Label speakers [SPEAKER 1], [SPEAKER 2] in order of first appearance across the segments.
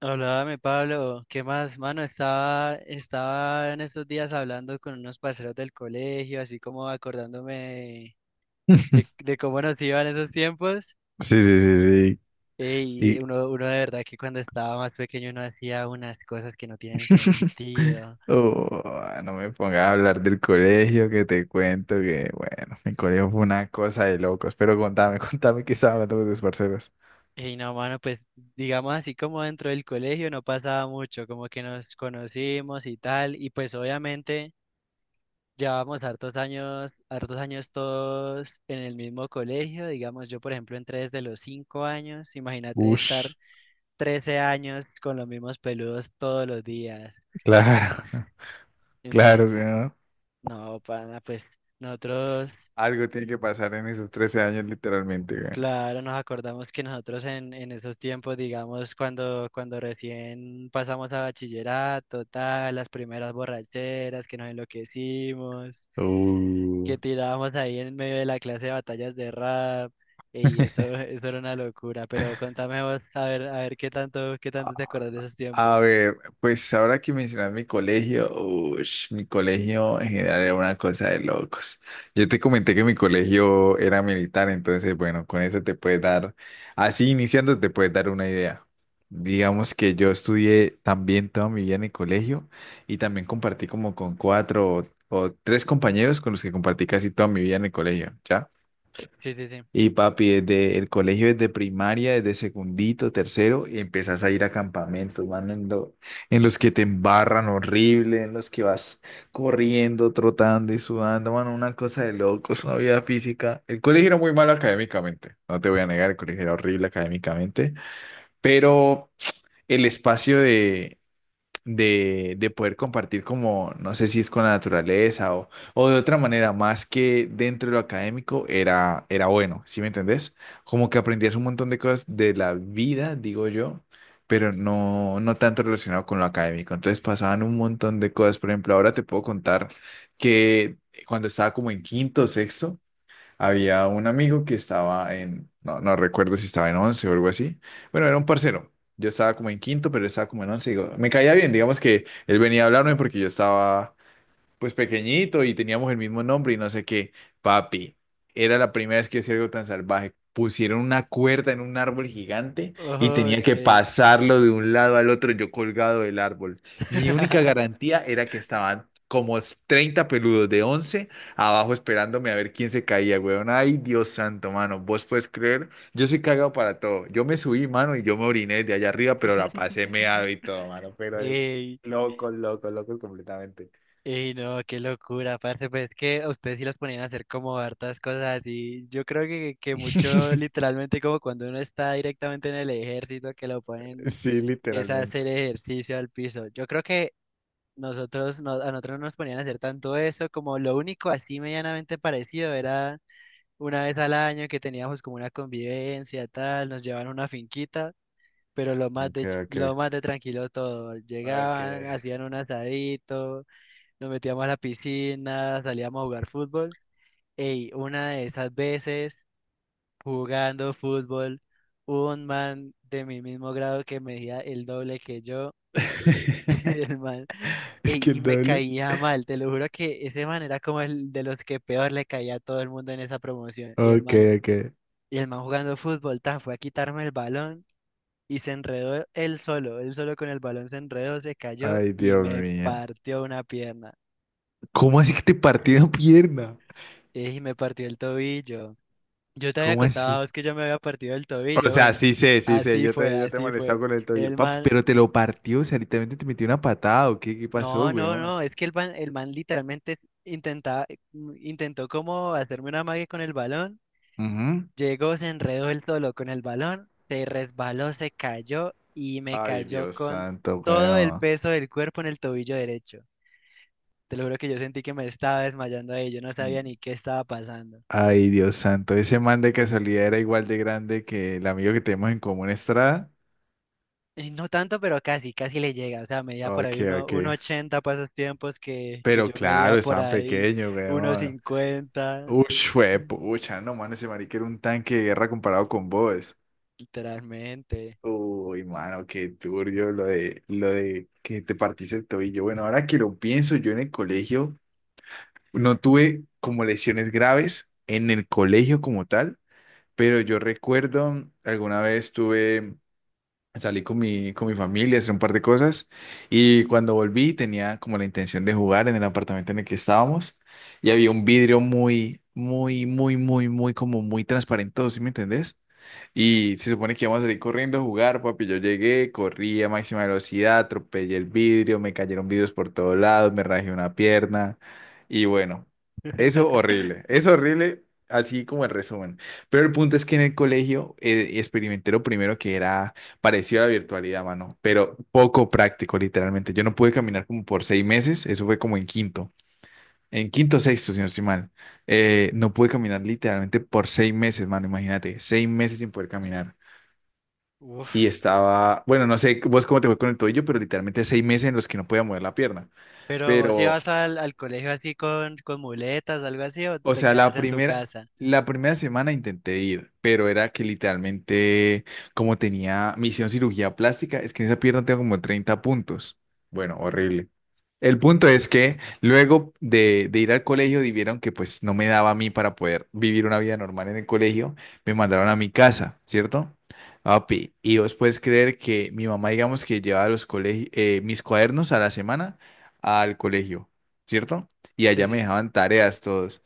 [SPEAKER 1] Háblame, Pablo. ¿Qué más, mano? Estaba en estos días hablando con unos parceros del colegio, así como acordándome de, de cómo nos iban esos tiempos.
[SPEAKER 2] Sí, sí, sí,
[SPEAKER 1] eh,
[SPEAKER 2] sí.
[SPEAKER 1] Y
[SPEAKER 2] Y
[SPEAKER 1] uno, uno de verdad que cuando estaba más pequeño uno hacía unas cosas que no tienen sentido.
[SPEAKER 2] oh, no me pongas a hablar del colegio, que te cuento que, bueno, mi colegio fue una cosa de locos. Pero contame, contame qué estaba hablando con tus parceros.
[SPEAKER 1] Y no, mano, pues digamos así como dentro del colegio no pasaba mucho, como que nos conocimos y tal. Y pues obviamente... Llevábamos hartos años todos en el mismo colegio, digamos, yo por ejemplo entré desde los 5 años, imagínate estar
[SPEAKER 2] Ush,
[SPEAKER 1] 13 años con los mismos peludos todos los días.
[SPEAKER 2] claro, claro
[SPEAKER 1] Entonces,
[SPEAKER 2] que no.
[SPEAKER 1] no, pana, pues nosotros,
[SPEAKER 2] Algo tiene que pasar en esos 13 años, literalmente,
[SPEAKER 1] claro, nos acordamos que nosotros en esos tiempos, digamos, cuando recién pasamos a bachillerato, tal, las primeras borracheras que nos enloquecimos.
[SPEAKER 2] güey.
[SPEAKER 1] Que tirábamos ahí en medio de la clase de batallas de rap, y eso, eso era una locura, pero contame vos, a ver qué tanto te acordás de esos tiempos.
[SPEAKER 2] A ver, pues ahora que mencionas mi colegio, ush, mi colegio en general era una cosa de locos. Yo te comenté que mi colegio era militar, entonces bueno, con eso te puedes dar, así iniciando te puedes dar una idea. Digamos que yo estudié también toda mi vida en el colegio y también compartí como con cuatro o tres compañeros con los que compartí casi toda mi vida en el colegio, ¿ya?
[SPEAKER 1] Sí, sí, sí.
[SPEAKER 2] Y papi, desde el colegio, desde primaria, desde secundito, tercero, y empiezas a ir a campamentos, mano, en los que te embarran horrible, en los que vas corriendo, trotando y sudando, mano, una cosa de locos, una vida física. El colegio era muy malo académicamente, no te voy a negar, el colegio era horrible académicamente, pero el espacio de poder compartir como, no sé si es con la naturaleza o de otra manera, más que dentro de lo académico, era bueno, ¿sí me entendés? Como que aprendías un montón de cosas de la vida, digo yo, pero no, no tanto relacionado con lo académico. Entonces pasaban un montón de cosas. Por ejemplo, ahora te puedo contar que cuando estaba como en quinto o sexto, había un amigo que estaba en, no, no recuerdo si estaba en 11 o algo así. Bueno, era un parcero. Yo estaba como en quinto, pero él estaba como en 11. Digo, me caía bien, digamos que él venía a hablarme porque yo estaba pues pequeñito y teníamos el mismo nombre y no sé qué. Papi, era la primera vez que hacía algo tan salvaje. Pusieron una cuerda en un árbol gigante y
[SPEAKER 1] Oh,
[SPEAKER 2] tenía
[SPEAKER 1] ok.
[SPEAKER 2] que pasarlo de un lado al otro yo colgado del árbol. Mi única garantía era que estaban como 30 peludos de 11 abajo esperándome a ver quién se caía, weón. Ay, Dios santo, mano, vos puedes creer, yo soy cagado para todo. Yo me subí, mano, y yo me oriné de allá arriba, pero la pasé meado y todo, mano, pero de
[SPEAKER 1] Ey,
[SPEAKER 2] loco, loco, loco completamente.
[SPEAKER 1] ey, no, qué locura, parce, pues es que a ustedes sí los ponían a hacer como hartas cosas y yo creo que mucho literalmente como cuando uno está directamente en el ejército que lo ponen
[SPEAKER 2] Sí,
[SPEAKER 1] es a hacer
[SPEAKER 2] literalmente.
[SPEAKER 1] ejercicio al piso. Yo creo que nosotros, a nosotros no nos ponían a hacer tanto eso, como lo único así medianamente parecido era una vez al año que teníamos como una convivencia, tal, nos llevaban a una finquita, pero
[SPEAKER 2] Ok,
[SPEAKER 1] lo
[SPEAKER 2] ok.
[SPEAKER 1] más de tranquilo todo. Llegaban,
[SPEAKER 2] Okay.
[SPEAKER 1] hacían un asadito, nos metíamos a la piscina, salíamos a jugar fútbol. Ey, una de esas veces jugando fútbol, hubo un man de mi mismo grado que medía el doble que yo. El man,
[SPEAKER 2] Es que
[SPEAKER 1] ey, y
[SPEAKER 2] el
[SPEAKER 1] me
[SPEAKER 2] doble.
[SPEAKER 1] caía mal, te lo juro que ese man era como el de los que peor le caía a todo el mundo en esa promoción. Y el
[SPEAKER 2] Ok,
[SPEAKER 1] man,
[SPEAKER 2] ok.
[SPEAKER 1] y el man jugando fútbol, tan fue a quitarme el balón y se enredó él solo con el balón se enredó, se cayó
[SPEAKER 2] Ay,
[SPEAKER 1] y
[SPEAKER 2] Dios
[SPEAKER 1] me
[SPEAKER 2] mío.
[SPEAKER 1] partió una pierna.
[SPEAKER 2] ¿Cómo así que te partí una pierna?
[SPEAKER 1] Ey, y me partió el tobillo. Yo te había
[SPEAKER 2] ¿Cómo
[SPEAKER 1] contado
[SPEAKER 2] así?
[SPEAKER 1] a vos que yo me había partido el
[SPEAKER 2] O
[SPEAKER 1] tobillo,
[SPEAKER 2] sea,
[SPEAKER 1] bueno,
[SPEAKER 2] sí sé, sí sé.
[SPEAKER 1] así fue,
[SPEAKER 2] Ya te he
[SPEAKER 1] así
[SPEAKER 2] molestado
[SPEAKER 1] fue.
[SPEAKER 2] con el tobillo.
[SPEAKER 1] El
[SPEAKER 2] Papi,
[SPEAKER 1] man
[SPEAKER 2] pero te lo partió. O sea, literalmente te metió una patada. ¿O qué, qué pasó,
[SPEAKER 1] no, no,
[SPEAKER 2] weón?
[SPEAKER 1] no, es que el man literalmente intentaba, intentó como hacerme una magia con el balón,
[SPEAKER 2] Ujú.
[SPEAKER 1] llegó, se enredó él solo con el balón, se resbaló, se cayó y me
[SPEAKER 2] Ay,
[SPEAKER 1] cayó
[SPEAKER 2] Dios
[SPEAKER 1] con
[SPEAKER 2] santo,
[SPEAKER 1] todo el
[SPEAKER 2] weón.
[SPEAKER 1] peso del cuerpo en el tobillo derecho. Te lo juro que yo sentí que me estaba desmayando ahí, yo no sabía ni qué estaba pasando.
[SPEAKER 2] Ay, Dios santo. Ese man de casualidad era igual de grande que el amigo que tenemos en común, Estrada.
[SPEAKER 1] Y no tanto, pero casi, casi le llega, o sea, medía por
[SPEAKER 2] Ok,
[SPEAKER 1] ahí
[SPEAKER 2] ok.
[SPEAKER 1] 1,80 para esos tiempos que
[SPEAKER 2] Pero
[SPEAKER 1] yo medía
[SPEAKER 2] claro,
[SPEAKER 1] por
[SPEAKER 2] estaban
[SPEAKER 1] ahí
[SPEAKER 2] pequeños,
[SPEAKER 1] uno
[SPEAKER 2] weón.
[SPEAKER 1] cincuenta,
[SPEAKER 2] Ush, fue pucha, no, mano, ese marica era un tanque de guerra comparado con vos.
[SPEAKER 1] literalmente.
[SPEAKER 2] Uy, mano, qué turbio lo de que te partiste el tobillo. Bueno, ahora que lo pienso, yo en el colegio no tuve como lesiones graves en el colegio como tal, pero yo recuerdo alguna vez tuve. Salí con mi familia, hice un par de cosas y cuando volví tenía como la intención de jugar en el apartamento en el que estábamos y había un vidrio muy transparente, ¿sí me entendés? Y se supone que íbamos a salir corriendo a jugar, papi. Yo llegué, corrí a máxima velocidad, atropellé el vidrio, me cayeron vidrios por todos lados, me rajé una pierna. Y bueno, eso horrible, es horrible, así como el resumen. Pero el punto es que en el colegio experimenté lo primero que era Pareció la virtualidad, mano, pero poco práctico, literalmente. Yo no pude caminar como por seis meses, eso fue como en quinto o sexto, si no estoy mal. No pude caminar literalmente por seis meses, mano, imagínate, seis meses sin poder caminar. Y
[SPEAKER 1] Uf,
[SPEAKER 2] estaba, bueno, no sé vos cómo te fue con el tobillo, pero literalmente seis meses en los que no podía mover la pierna.
[SPEAKER 1] pero si
[SPEAKER 2] Pero
[SPEAKER 1] vas al colegio así con muletas, algo así, o
[SPEAKER 2] O
[SPEAKER 1] te
[SPEAKER 2] sea,
[SPEAKER 1] quedas en tu casa.
[SPEAKER 2] la primera semana intenté ir, pero era que literalmente, como tenía, me hicieron cirugía plástica, es que en esa pierna tengo como 30 puntos. Bueno, horrible. El punto es que de ir al colegio, vieron que pues no me daba a mí para poder vivir una vida normal en el colegio, me mandaron a mi casa, ¿cierto? Papi, y vos puedes creer que mi mamá, digamos que llevaba los colegios, mis cuadernos a la semana al colegio, ¿cierto? Y
[SPEAKER 1] Sí,
[SPEAKER 2] allá me
[SPEAKER 1] sí, sí.
[SPEAKER 2] dejaban tareas todos.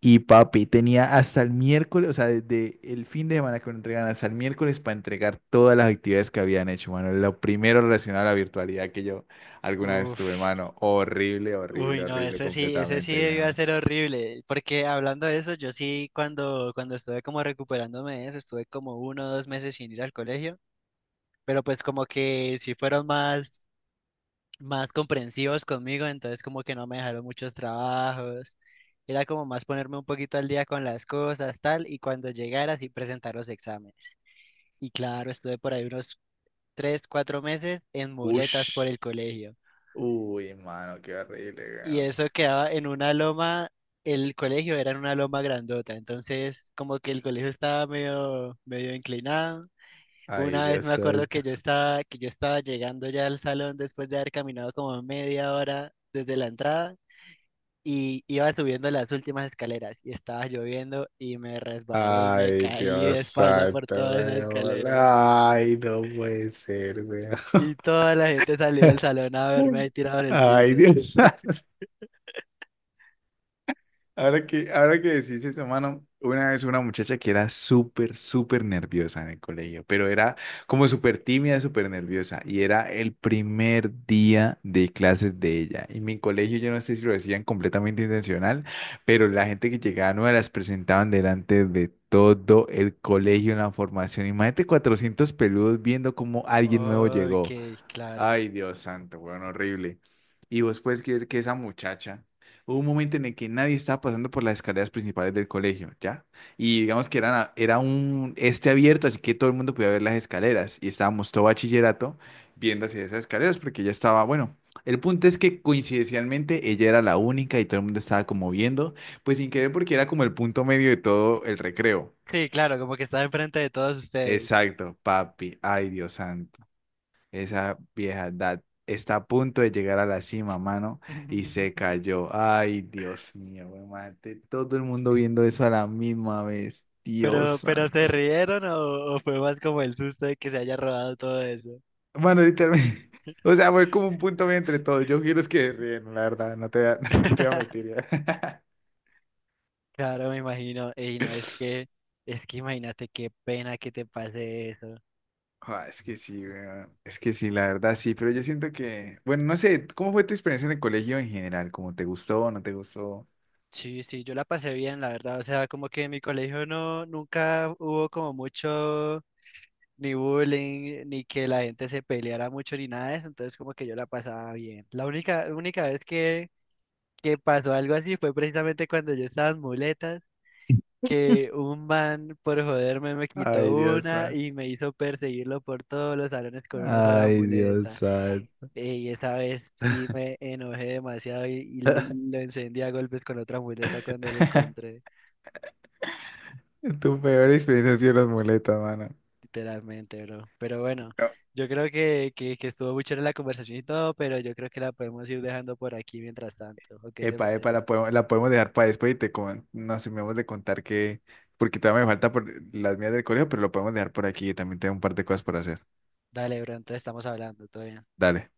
[SPEAKER 2] Y papi, tenía hasta el miércoles, o sea, desde el fin de semana que lo entregan hasta el miércoles para entregar todas las actividades que habían hecho, mano. Lo primero relacionado a la virtualidad que yo alguna vez tuve,
[SPEAKER 1] Uf,
[SPEAKER 2] mano. Horrible, horrible,
[SPEAKER 1] uy, no,
[SPEAKER 2] horrible
[SPEAKER 1] ese sí
[SPEAKER 2] completamente,
[SPEAKER 1] debió
[SPEAKER 2] weón.
[SPEAKER 1] ser horrible, porque hablando de eso, yo sí cuando estuve como recuperándome de eso, estuve como uno o dos meses sin ir al colegio, pero pues como que sí fueron más comprensivos conmigo, entonces como que no me dejaron muchos trabajos. Era como más ponerme un poquito al día con las cosas, tal, y cuando llegara sí presentar los exámenes. Y claro, estuve por ahí unos tres, cuatro meses en muletas por
[SPEAKER 2] Ush.
[SPEAKER 1] el colegio.
[SPEAKER 2] Uy, mano, qué horrible,
[SPEAKER 1] Y
[SPEAKER 2] weón.
[SPEAKER 1] eso quedaba en una loma, el colegio era en una loma grandota, entonces como que el colegio estaba medio, medio inclinado.
[SPEAKER 2] Ay,
[SPEAKER 1] Una vez
[SPEAKER 2] Dios
[SPEAKER 1] me acuerdo
[SPEAKER 2] santo.
[SPEAKER 1] que yo estaba llegando ya al salón después de haber caminado como media hora desde la entrada y iba subiendo las últimas escaleras y estaba lloviendo y me resbalé y me
[SPEAKER 2] Ay,
[SPEAKER 1] caí de
[SPEAKER 2] Dios
[SPEAKER 1] espalda por
[SPEAKER 2] santo,
[SPEAKER 1] todas esas
[SPEAKER 2] weón.
[SPEAKER 1] escaleras.
[SPEAKER 2] Ay, no puede ser, weón.
[SPEAKER 1] Y toda la gente salió del salón a verme ahí tirado en el
[SPEAKER 2] Ay,
[SPEAKER 1] piso.
[SPEAKER 2] Dios. Ahora que decís eso, mano, una vez una muchacha que era súper, súper nerviosa en el colegio, pero era como súper tímida, súper nerviosa, y era el primer día de clases de ella. En mi colegio, yo no sé si lo decían completamente intencional, pero la gente que llegaba nueva las presentaban delante de todo el colegio en la formación. Imagínate 400 peludos viendo cómo alguien nuevo
[SPEAKER 1] Ok,
[SPEAKER 2] llegó.
[SPEAKER 1] claro.
[SPEAKER 2] Ay, Dios santo, weón, horrible. Y vos puedes creer que esa muchacha, hubo un momento en el que nadie estaba pasando por las escaleras principales del colegio, ¿ya? Y digamos que era un este abierto, así que todo el mundo podía ver las escaleras. Y estábamos todo bachillerato viendo hacia esas escaleras porque ella estaba, bueno, el punto es que coincidencialmente ella era la única y todo el mundo estaba como viendo, pues sin querer porque era como el punto medio de todo el recreo.
[SPEAKER 1] Sí, claro, como que estaba enfrente de todos ustedes.
[SPEAKER 2] Exacto, papi. Ay, Dios santo. Esa vieja edad está a punto de llegar a la cima, mano, y se cayó. Ay, Dios mío, güey, mate. Todo el mundo viendo eso a la misma vez. Dios
[SPEAKER 1] Pero ¿se
[SPEAKER 2] santo. Güey.
[SPEAKER 1] rieron o fue más como el susto de que se haya robado todo eso?
[SPEAKER 2] Mano, literalmente. O sea, fue como un punto medio entre todos. Yo quiero es que ríen, la verdad, no te voy a, no te voy a mentir. Ya.
[SPEAKER 1] Claro, me imagino. Y no, es que imagínate qué pena que te pase eso.
[SPEAKER 2] Ah, es que sí, weón. Es que sí, la verdad sí, pero yo siento que, bueno, no sé, ¿cómo fue tu experiencia en el colegio en general? ¿Cómo te gustó o no te gustó?
[SPEAKER 1] Sí, sí, yo la pasé bien, la verdad. O sea, como que en mi colegio no, nunca hubo como mucho ni bullying, ni que la gente se peleara mucho, ni nada de eso, entonces como que yo la pasaba bien. La única, única vez que pasó algo así fue precisamente cuando yo estaba en muletas, que un man por joderme me
[SPEAKER 2] Ay,
[SPEAKER 1] quitó
[SPEAKER 2] Dios
[SPEAKER 1] una
[SPEAKER 2] santo.
[SPEAKER 1] y me hizo perseguirlo por todos los salones con una sola
[SPEAKER 2] Ay, Dios
[SPEAKER 1] muleta.
[SPEAKER 2] santo.
[SPEAKER 1] Y esta vez sí me enojé demasiado y lo encendí a golpes con otra muleta cuando lo encontré.
[SPEAKER 2] Tu peor experiencia ha sido las muletas, mano.
[SPEAKER 1] Literalmente, bro. Pero bueno,
[SPEAKER 2] No.
[SPEAKER 1] yo creo que estuvo muy chévere la conversación y todo, pero yo creo que la podemos ir dejando por aquí mientras tanto. ¿O qué te
[SPEAKER 2] Epa, epa,
[SPEAKER 1] parece?
[SPEAKER 2] la podemos dejar para después y nos terminamos de contar que, porque todavía me falta por las mías del colegio, pero lo podemos dejar por aquí, también tengo un par de cosas por hacer.
[SPEAKER 1] Dale, bro, entonces estamos hablando, todo bien.
[SPEAKER 2] Dale.